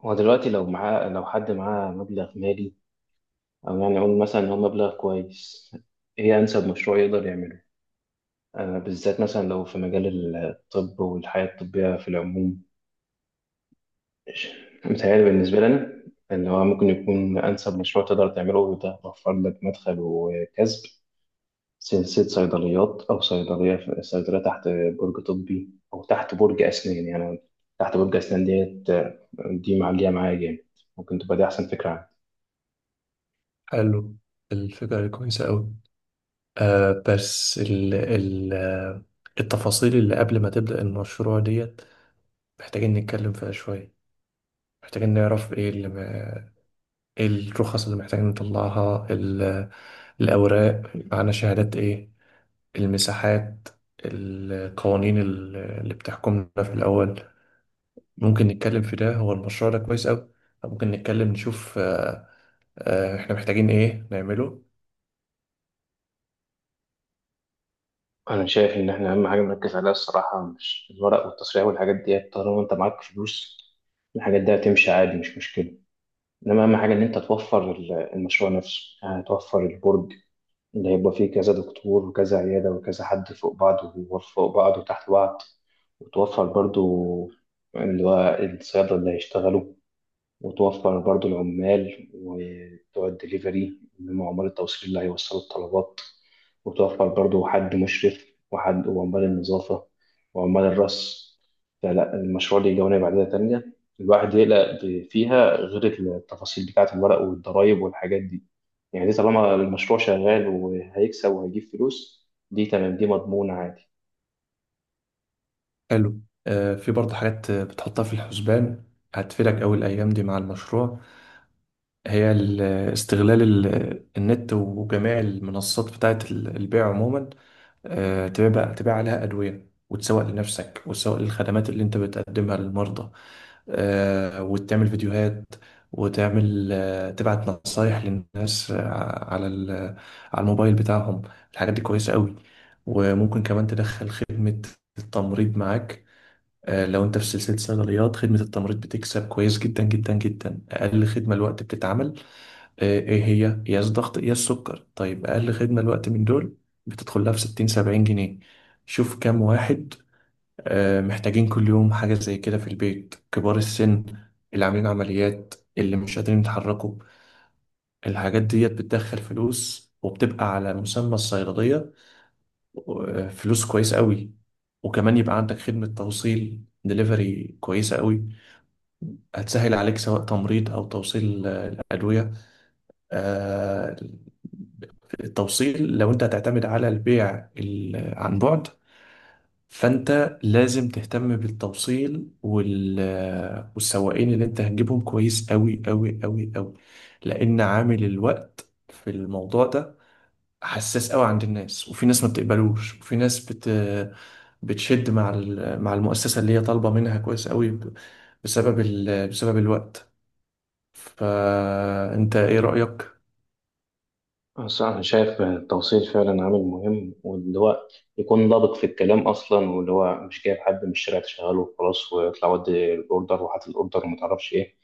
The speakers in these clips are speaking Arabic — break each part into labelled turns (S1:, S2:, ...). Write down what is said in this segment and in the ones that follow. S1: هو دلوقتي لو حد معاه مبلغ مالي، أو يعني نقول مثلا إن هو مبلغ كويس، إيه أنسب مشروع يقدر يعمله؟ بالذات مثلا لو في مجال الطب والحياة الطبية في العموم، متهيألي بالنسبة لنا إن هو ممكن يكون أنسب مشروع تقدر تعمله ده وفر لك مدخل وكسب، سلسلة صيدليات، أو صيدلية تحت برج طبي أو تحت برج أسنان يعني. تحت برج أسنان ديت دي معلية معايا جامد. ممكن تبقى دي أحسن فكرة.
S2: حلو. الفكرة دي كويسة أوي. آه بس ال ال آه، التفاصيل اللي قبل ما تبدأ المشروع ديت محتاجين نتكلم فيها شوية. محتاجين نعرف ايه اللي ما... ايه الرخص اللي محتاجين نطلعها. الأوراق، معانا شهادات ايه، المساحات، القوانين اللي بتحكمنا في الأول. ممكن نتكلم في ده، هو المشروع ده كويس أوي. ممكن نتكلم نشوف احنا محتاجين ايه نعمله.
S1: انا شايف ان احنا اهم حاجه نركز عليها الصراحه مش الورق والتصريح والحاجات دي، طالما انت معاك فلوس الحاجات دي هتمشي عادي، مش مشكله. انما اهم حاجه ان انت توفر المشروع نفسه، يعني توفر البرج اللي هيبقى فيه كذا دكتور وكذا عياده وكذا حد فوق بعض وفوق بعض وتحت بعض، وتوفر برضو اللي هو الصيادله اللي هيشتغلوا، وتوفر برضو العمال وبتوع الدليفري اللي هم عمال التوصيل اللي هيوصلوا الطلبات، وتوفر برضو حد مشرف وحد وعمال النظافة وعمال الرص. فلا، المشروع ليه جوانب عديدة تانية الواحد يقلق فيها غير التفاصيل بتاعة الورق والضرايب والحاجات دي. يعني دي طالما المشروع شغال وهيكسب وهيجيب فلوس دي تمام، دي مضمونة عادي.
S2: حلو. في برضه حاجات بتحطها في الحسبان هتفيدك أوي الأيام دي مع المشروع. هي ال- استغلال النت وجميع المنصات بتاعة البيع عموما. تبيع عليها أدوية وتسوق لنفسك وتسوق للخدمات اللي أنت بتقدمها للمرضى. وتعمل فيديوهات، وتعمل تبعت نصايح للناس على الموبايل بتاعهم. الحاجات دي كويسة أوي. وممكن كمان تدخل خدمة التمريض معاك. لو انت في سلسلة صيدليات خدمة التمريض بتكسب كويس جدا جدا جدا. اقل خدمة الوقت بتتعمل، ايه هي؟ يا الضغط يا السكر. طيب اقل خدمة الوقت من دول بتدخل لها في 60 70 جنيه. شوف كام واحد محتاجين كل يوم حاجة زي كده في البيت، كبار السن اللي عاملين عمليات، اللي مش قادرين يتحركوا. الحاجات ديت بتدخل فلوس وبتبقى على مسمى الصيدلية. فلوس كويس قوي. وكمان يبقى عندك خدمة توصيل دليفري كويسة قوي. هتسهل عليك سواء تمريض أو توصيل الأدوية. آه، التوصيل لو أنت هتعتمد على البيع عن بعد، فأنت لازم تهتم بالتوصيل والسواقين اللي أنت هتجيبهم كويس أوي أوي أوي أوي. لأن عامل الوقت في الموضوع ده حساس أوي عند الناس. وفي ناس ما بتقبلوش، وفي بتشد مع المؤسسة اللي هي طالبة منها كويس قوي بسبب بسبب الوقت. فانت ايه رأيك؟
S1: بس أنا شايف التوصيل فعلا عامل مهم، واللي هو يكون ضابط في الكلام أصلا، واللي هو مش جايب حد من الشارع تشغله وخلاص ويطلع ودي الأوردر وحاطط الأوردر ومتعرفش إيه.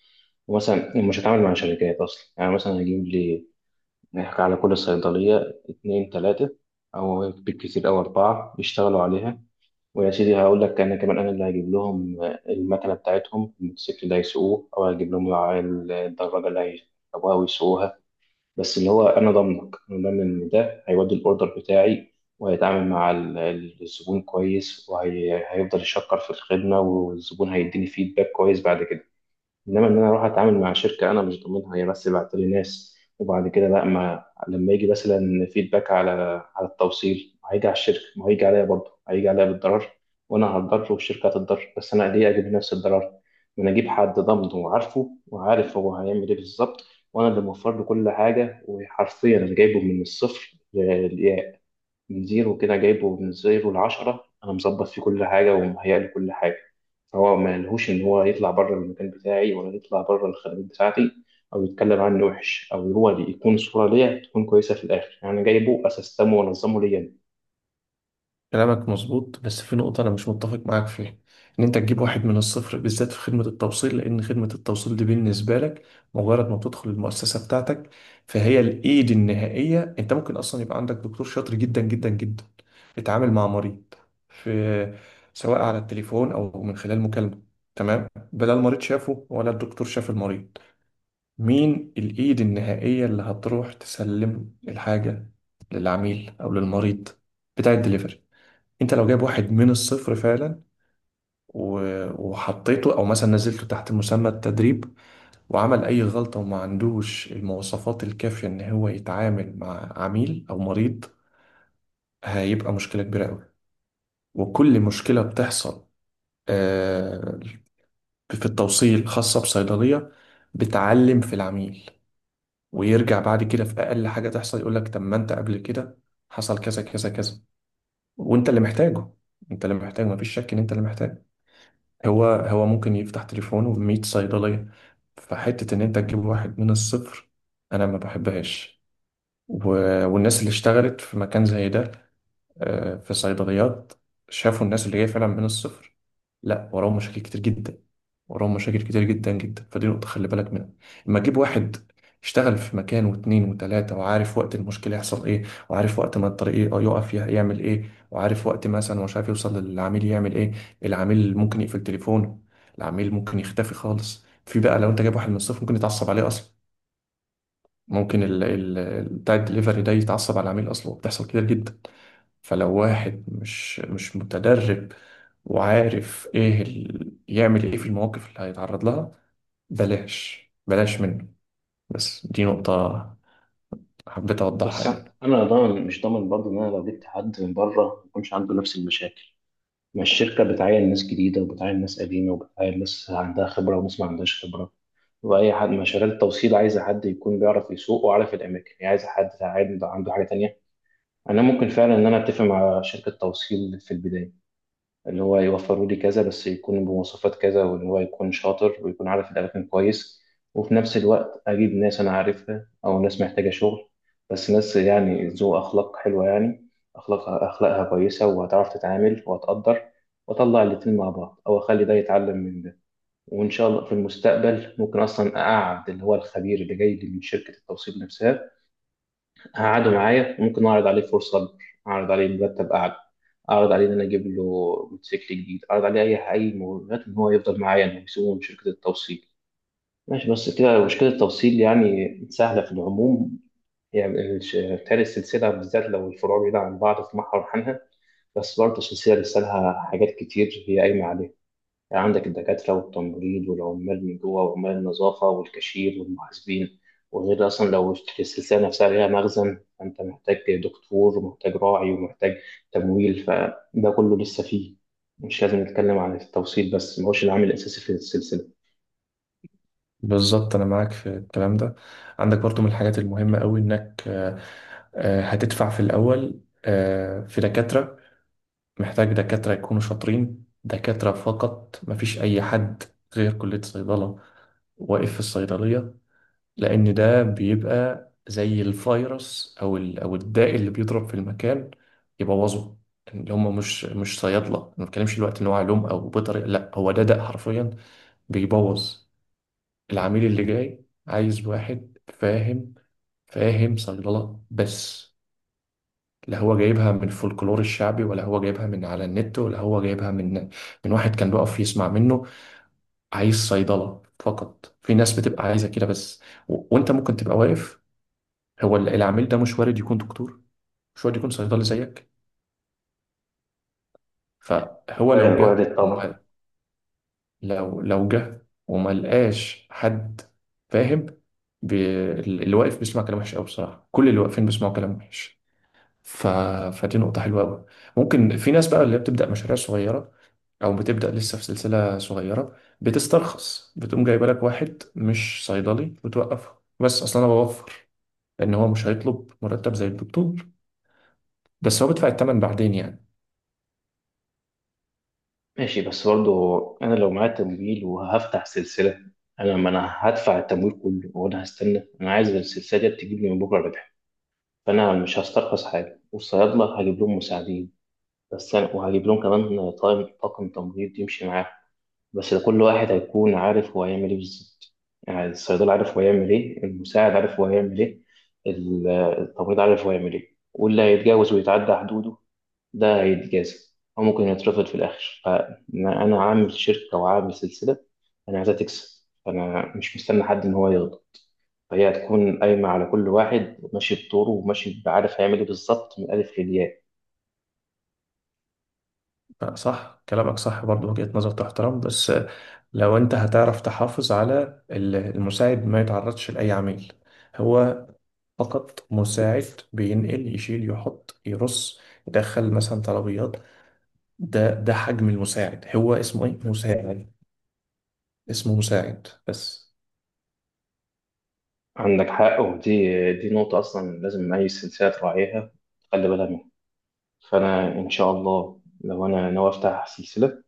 S1: ومثلا مش هتعامل مع شركات أصلا، يعني مثلا هجيب لي نحكي على كل صيدلية اتنين تلاتة أو بالكتير أو أربعة يشتغلوا عليها. ويا سيدي هقول لك، أنا كمان أنا اللي هجيب لهم المكنة بتاعتهم، الموتوسيكل اللي هيسوقوه، أو هجيب لهم الدراجة اللي هيركبوها ويسوقوها. بس اللي هو انا ضامنك، انا ضامن ان ده هيودي الاوردر بتاعي وهيتعامل مع الزبون كويس، وهيفضل يشكر في الخدمه، والزبون هيديني فيدباك كويس بعد كده. انما ان انا اروح اتعامل مع شركه انا مش ضامنها، هي بس بعت لي ناس، وبعد كده لا، ما لما يجي مثلا فيدباك على على التوصيل هيجي على الشركه، ما هيجي عليا، برضه هيجي عليا بالضرر. وانا هتضرر والشركه هتتضرر، بس انا ليه اجيب نفس الضرر؟ ما انا اجيب حد ضامنه وعارفه وعارف هو هيعمل ايه بالظبط، وانا اللي موفر له كل حاجه، وحرفيا انا جايبه من الصفر للياء، من زيرو كده، جايبه من زيرو لعشرة، انا مظبط فيه كل حاجه ومهيأ له كل حاجه. هو ما لهوش ان هو يطلع بره المكان بتاعي، ولا يطلع بره الخدمات بتاعتي، او يتكلم عني وحش، او هو اللي يكون صوره ليا تكون كويسه في الاخر. يعني أنا جايبه اسستمه وانظمه ليا أنا.
S2: كلامك مظبوط بس في نقطة انا مش متفق معاك فيها، ان انت تجيب واحد من الصفر بالذات في خدمة التوصيل. لان خدمة التوصيل دي بالنسبة لك، مجرد ما بتدخل المؤسسة بتاعتك، فهي الايد النهائية. انت ممكن اصلا يبقى عندك دكتور شاطر جدا جدا جدا اتعامل مع مريض، في سواء على التليفون او من خلال مكالمة، تمام، بلا المريض شافه ولا الدكتور شاف المريض. مين الإيد النهائية اللي هتروح تسلم الحاجة للعميل أو للمريض؟ بتاع الدليفري. أنت لو جايب واحد من الصفر فعلا وحطيته، أو مثلا نزلته تحت مسمى التدريب، وعمل أي غلطة وما عندوش المواصفات الكافية إن هو يتعامل مع عميل أو مريض، هيبقى مشكلة كبيرة أوي. وكل مشكلة بتحصل آه، في التوصيل خاصة بصيدلية بتعلم في العميل، ويرجع بعد كده في اقل حاجه تحصل يقول لك طب ما انت قبل كده حصل كذا كذا كذا وانت اللي محتاجه. انت اللي محتاج، مفيش شك ان انت اللي محتاج. هو ممكن يفتح تليفونه ب 100 صيدليه. فحته ان انت تجيب واحد من الصفر، انا ما بحبهاش. و... والناس اللي اشتغلت في مكان زي ده، في صيدليات، شافوا الناس اللي هي فعلا من الصفر، لا وراهم مشاكل كتير جدا، وراهم مشاكل كتير جدا جدا. فدي نقطة خلي بالك منها. اما تجيب واحد اشتغل في مكان واتنين وتلاتة وعارف وقت المشكلة يحصل ايه، وعارف وقت ما الطريق يعمل ايه، وعارف وقت مثلا مش عارف يوصل للعميل يعمل ايه. العميل ممكن يقفل تليفونه، العميل ممكن يختفي خالص. في بقى لو انت جايب واحد من الصفر ممكن يتعصب عليه اصلا. ممكن ال ال بتاع الدليفري ده يتعصب على العميل اصلا، وبتحصل كتير جدا. فلو واحد مش متدرب وعارف يعمل ايه في المواقف اللي هيتعرض لها، بلاش منه. بس دي نقطة حبيت اوضحها
S1: بس
S2: يعني.
S1: انا ضامن مش ضامن برضه ان انا لو جبت حد من بره ما يكونش عنده نفس المشاكل. ما الشركه بتعين ناس جديده وبتعين ناس قديمه وبتعين ناس عندها خبره وناس ما عندهاش خبره. واي حد مشاريع التوصيل عايزه حد يكون بيعرف يسوق وعارف الاماكن، هي عايزه حد عنده حاجه تانيه. انا ممكن فعلا ان انا اتفق مع شركه توصيل في البدايه، اللي هو يوفروا لي كذا، بس يكون بمواصفات كذا، وان هو يكون شاطر ويكون عارف الاماكن كويس. وفي نفس الوقت اجيب ناس انا عارفها، او ناس محتاجه شغل، بس ناس يعني ذو اخلاق حلوه يعني، اخلاقها كويسه، وهتعرف تتعامل وهتقدر. واطلع الاتنين مع بعض، او اخلي ده يتعلم من ده. وان شاء الله في المستقبل ممكن اصلا اقعد اللي هو الخبير اللي جاي لي من شركه التوصيل نفسها، هقعده معايا، وممكن اعرض عليه فرصه اكبر، اعرض عليه مرتب اعلى، اعرض عليه ان انا اجيب له موتوسيكل جديد، اعرض عليه اي مغريات ان هو يفضل معايا انه يسوقه من شركه التوصيل. ماشي، بس كده مشكله التوصيل يعني سهله في العموم. يعني بتهيألي السلسله، بالذات لو الفروع بعيده عن بعض، في محور عنها. بس برضه السلسله لسه لها حاجات كتير هي قايمه عليها. يعني عندك الدكاترة والتمريض والعمال من جوه وعمال النظافة والكاشير والمحاسبين. وغير أصلا لو السلسلة نفسها ليها مخزن فأنت محتاج دكتور ومحتاج راعي ومحتاج تمويل، فده كله لسه فيه. مش لازم نتكلم عن التوصيل بس، ما هوش العامل الأساسي في السلسلة.
S2: بالظبط انا معاك في الكلام ده. عندك برضو من الحاجات المهمة قوي انك هتدفع في الاول في دكاترة. محتاج دكاترة يكونوا شاطرين، دكاترة فقط، مفيش أي حد غير كلية صيدلة واقف في الصيدلية. لأن ده بيبقى زي الفيروس أو الداء اللي بيضرب في المكان يبوظه. اللي هم مش صيادلة، ما بتكلمش دلوقتي إن هو علوم أو بيطري، لا هو ده داء حرفيا بيبوظ. العميل اللي جاي عايز واحد فاهم، فاهم صيدلة بس. لا هو جايبها من الفولكلور الشعبي، ولا هو جايبها من على النت، ولا هو جايبها من من واحد كان بيقف يسمع منه. عايز صيدلة فقط. في ناس بتبقى عايزة كده بس. وانت ممكن تبقى واقف. العميل ده مش وارد يكون دكتور، مش وارد يكون صيدلي زيك. فهو لو
S1: وارد،
S2: جه
S1: وارد طبعا.
S2: وما... لو لو جه وما لقاش حد فاهم، اللي واقف بيسمع كلام وحش قوي بصراحة. كل اللي واقفين بيسمعوا كلام وحش. ف... فدي نقطة حلوة قوي. ممكن في ناس بقى اللي بتبدأ مشاريع صغيرة، او بتبدا لسه في سلسله صغيره، بتسترخص، بتقوم جايبه لك واحد مش صيدلي وتوقفها، بس اصلا انا بوفر، لان هو مش هيطلب مرتب زي الدكتور. بس هو بيدفع الثمن بعدين يعني.
S1: ماشي، بس برضه أنا لو معايا تمويل وهفتح سلسلة، أنا ما أنا هدفع التمويل كله، وأنا هستنى؟ أنا عايز السلسلة دي تجيب لي من بكرة ربح. فأنا مش هسترخص حاجة، والصيادلة هجيب لهم مساعدين بس يعني، وهجيب لهم كمان طاقم تمريض يمشي معاهم. بس ده كل واحد هيكون عارف هو هيعمل ايه بالظبط. يعني الصيدلي عارف هو هيعمل ايه، المساعد عارف هو هيعمل ايه، التمريض عارف هو هيعمل ايه. واللي هيتجاوز ويتعدى حدوده ده هيتجازى، أو ممكن يترفض في الآخر. فأنا أنا عامل شركة وعامل سلسلة، أنا عايزها تكسب، فأنا مش مستني حد إن هو يرضى. فهي هتكون قايمة على كل واحد ماشي بدوره وماشي عارف هيعمل ايه بالظبط من الألف للياء.
S2: صح، كلامك صح برضه، وجهة نظر تحترم. بس لو انت هتعرف تحافظ على المساعد ما يتعرضش لأي عميل، هو فقط مساعد بينقل، يشيل، يحط، يرص، يدخل مثلا طلبيات. ده حجم المساعد. هو اسمه ايه؟ مساعد. اسمه مساعد بس.
S1: عندك حق، ودي دي نقطة أصلا لازم أي سلسلة تراعيها، تخلي بالها منها. فأنا إن شاء الله لو أنا ناوي أفتح سلسلة،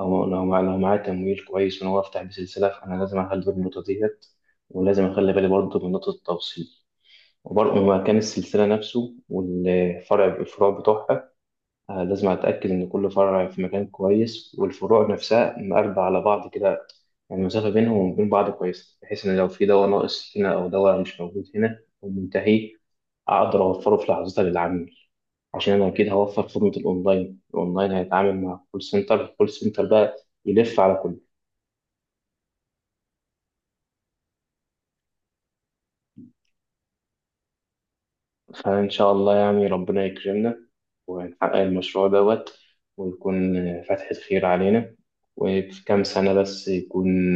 S1: أو لو معايا تمويل كويس وناوي أفتح بيه سلسلة، فأنا لازم أخلي بالي من النقطة ديت، ولازم أخلي بالي برضه من نقطة التوصيل، وبرضه من مكان السلسلة نفسه والفرع الفروع بتوعها. لازم أتأكد إن كل فرع في مكان كويس، والفروع نفسها مقربة على بعض كده، يعني المسافة بينهم وبين بعض كويسة، بحيث إن لو في دواء ناقص هنا أو دواء مش موجود هنا أو منتهي، أقدر أوفره في لحظتها للعميل. عشان أنا أكيد هوفر خدمة الأونلاين، الأونلاين هيتعامل مع كول سنتر، الكول سنتر بقى يلف على كل. فإن شاء الله يعني ربنا يكرمنا ونحقق المشروع دوت، ويكون فتحة خير علينا، وفي كام سنة بس يكون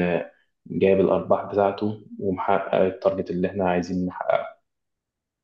S1: جايب الأرباح بتاعته ومحقق التارجت اللي إحنا عايزين نحققه.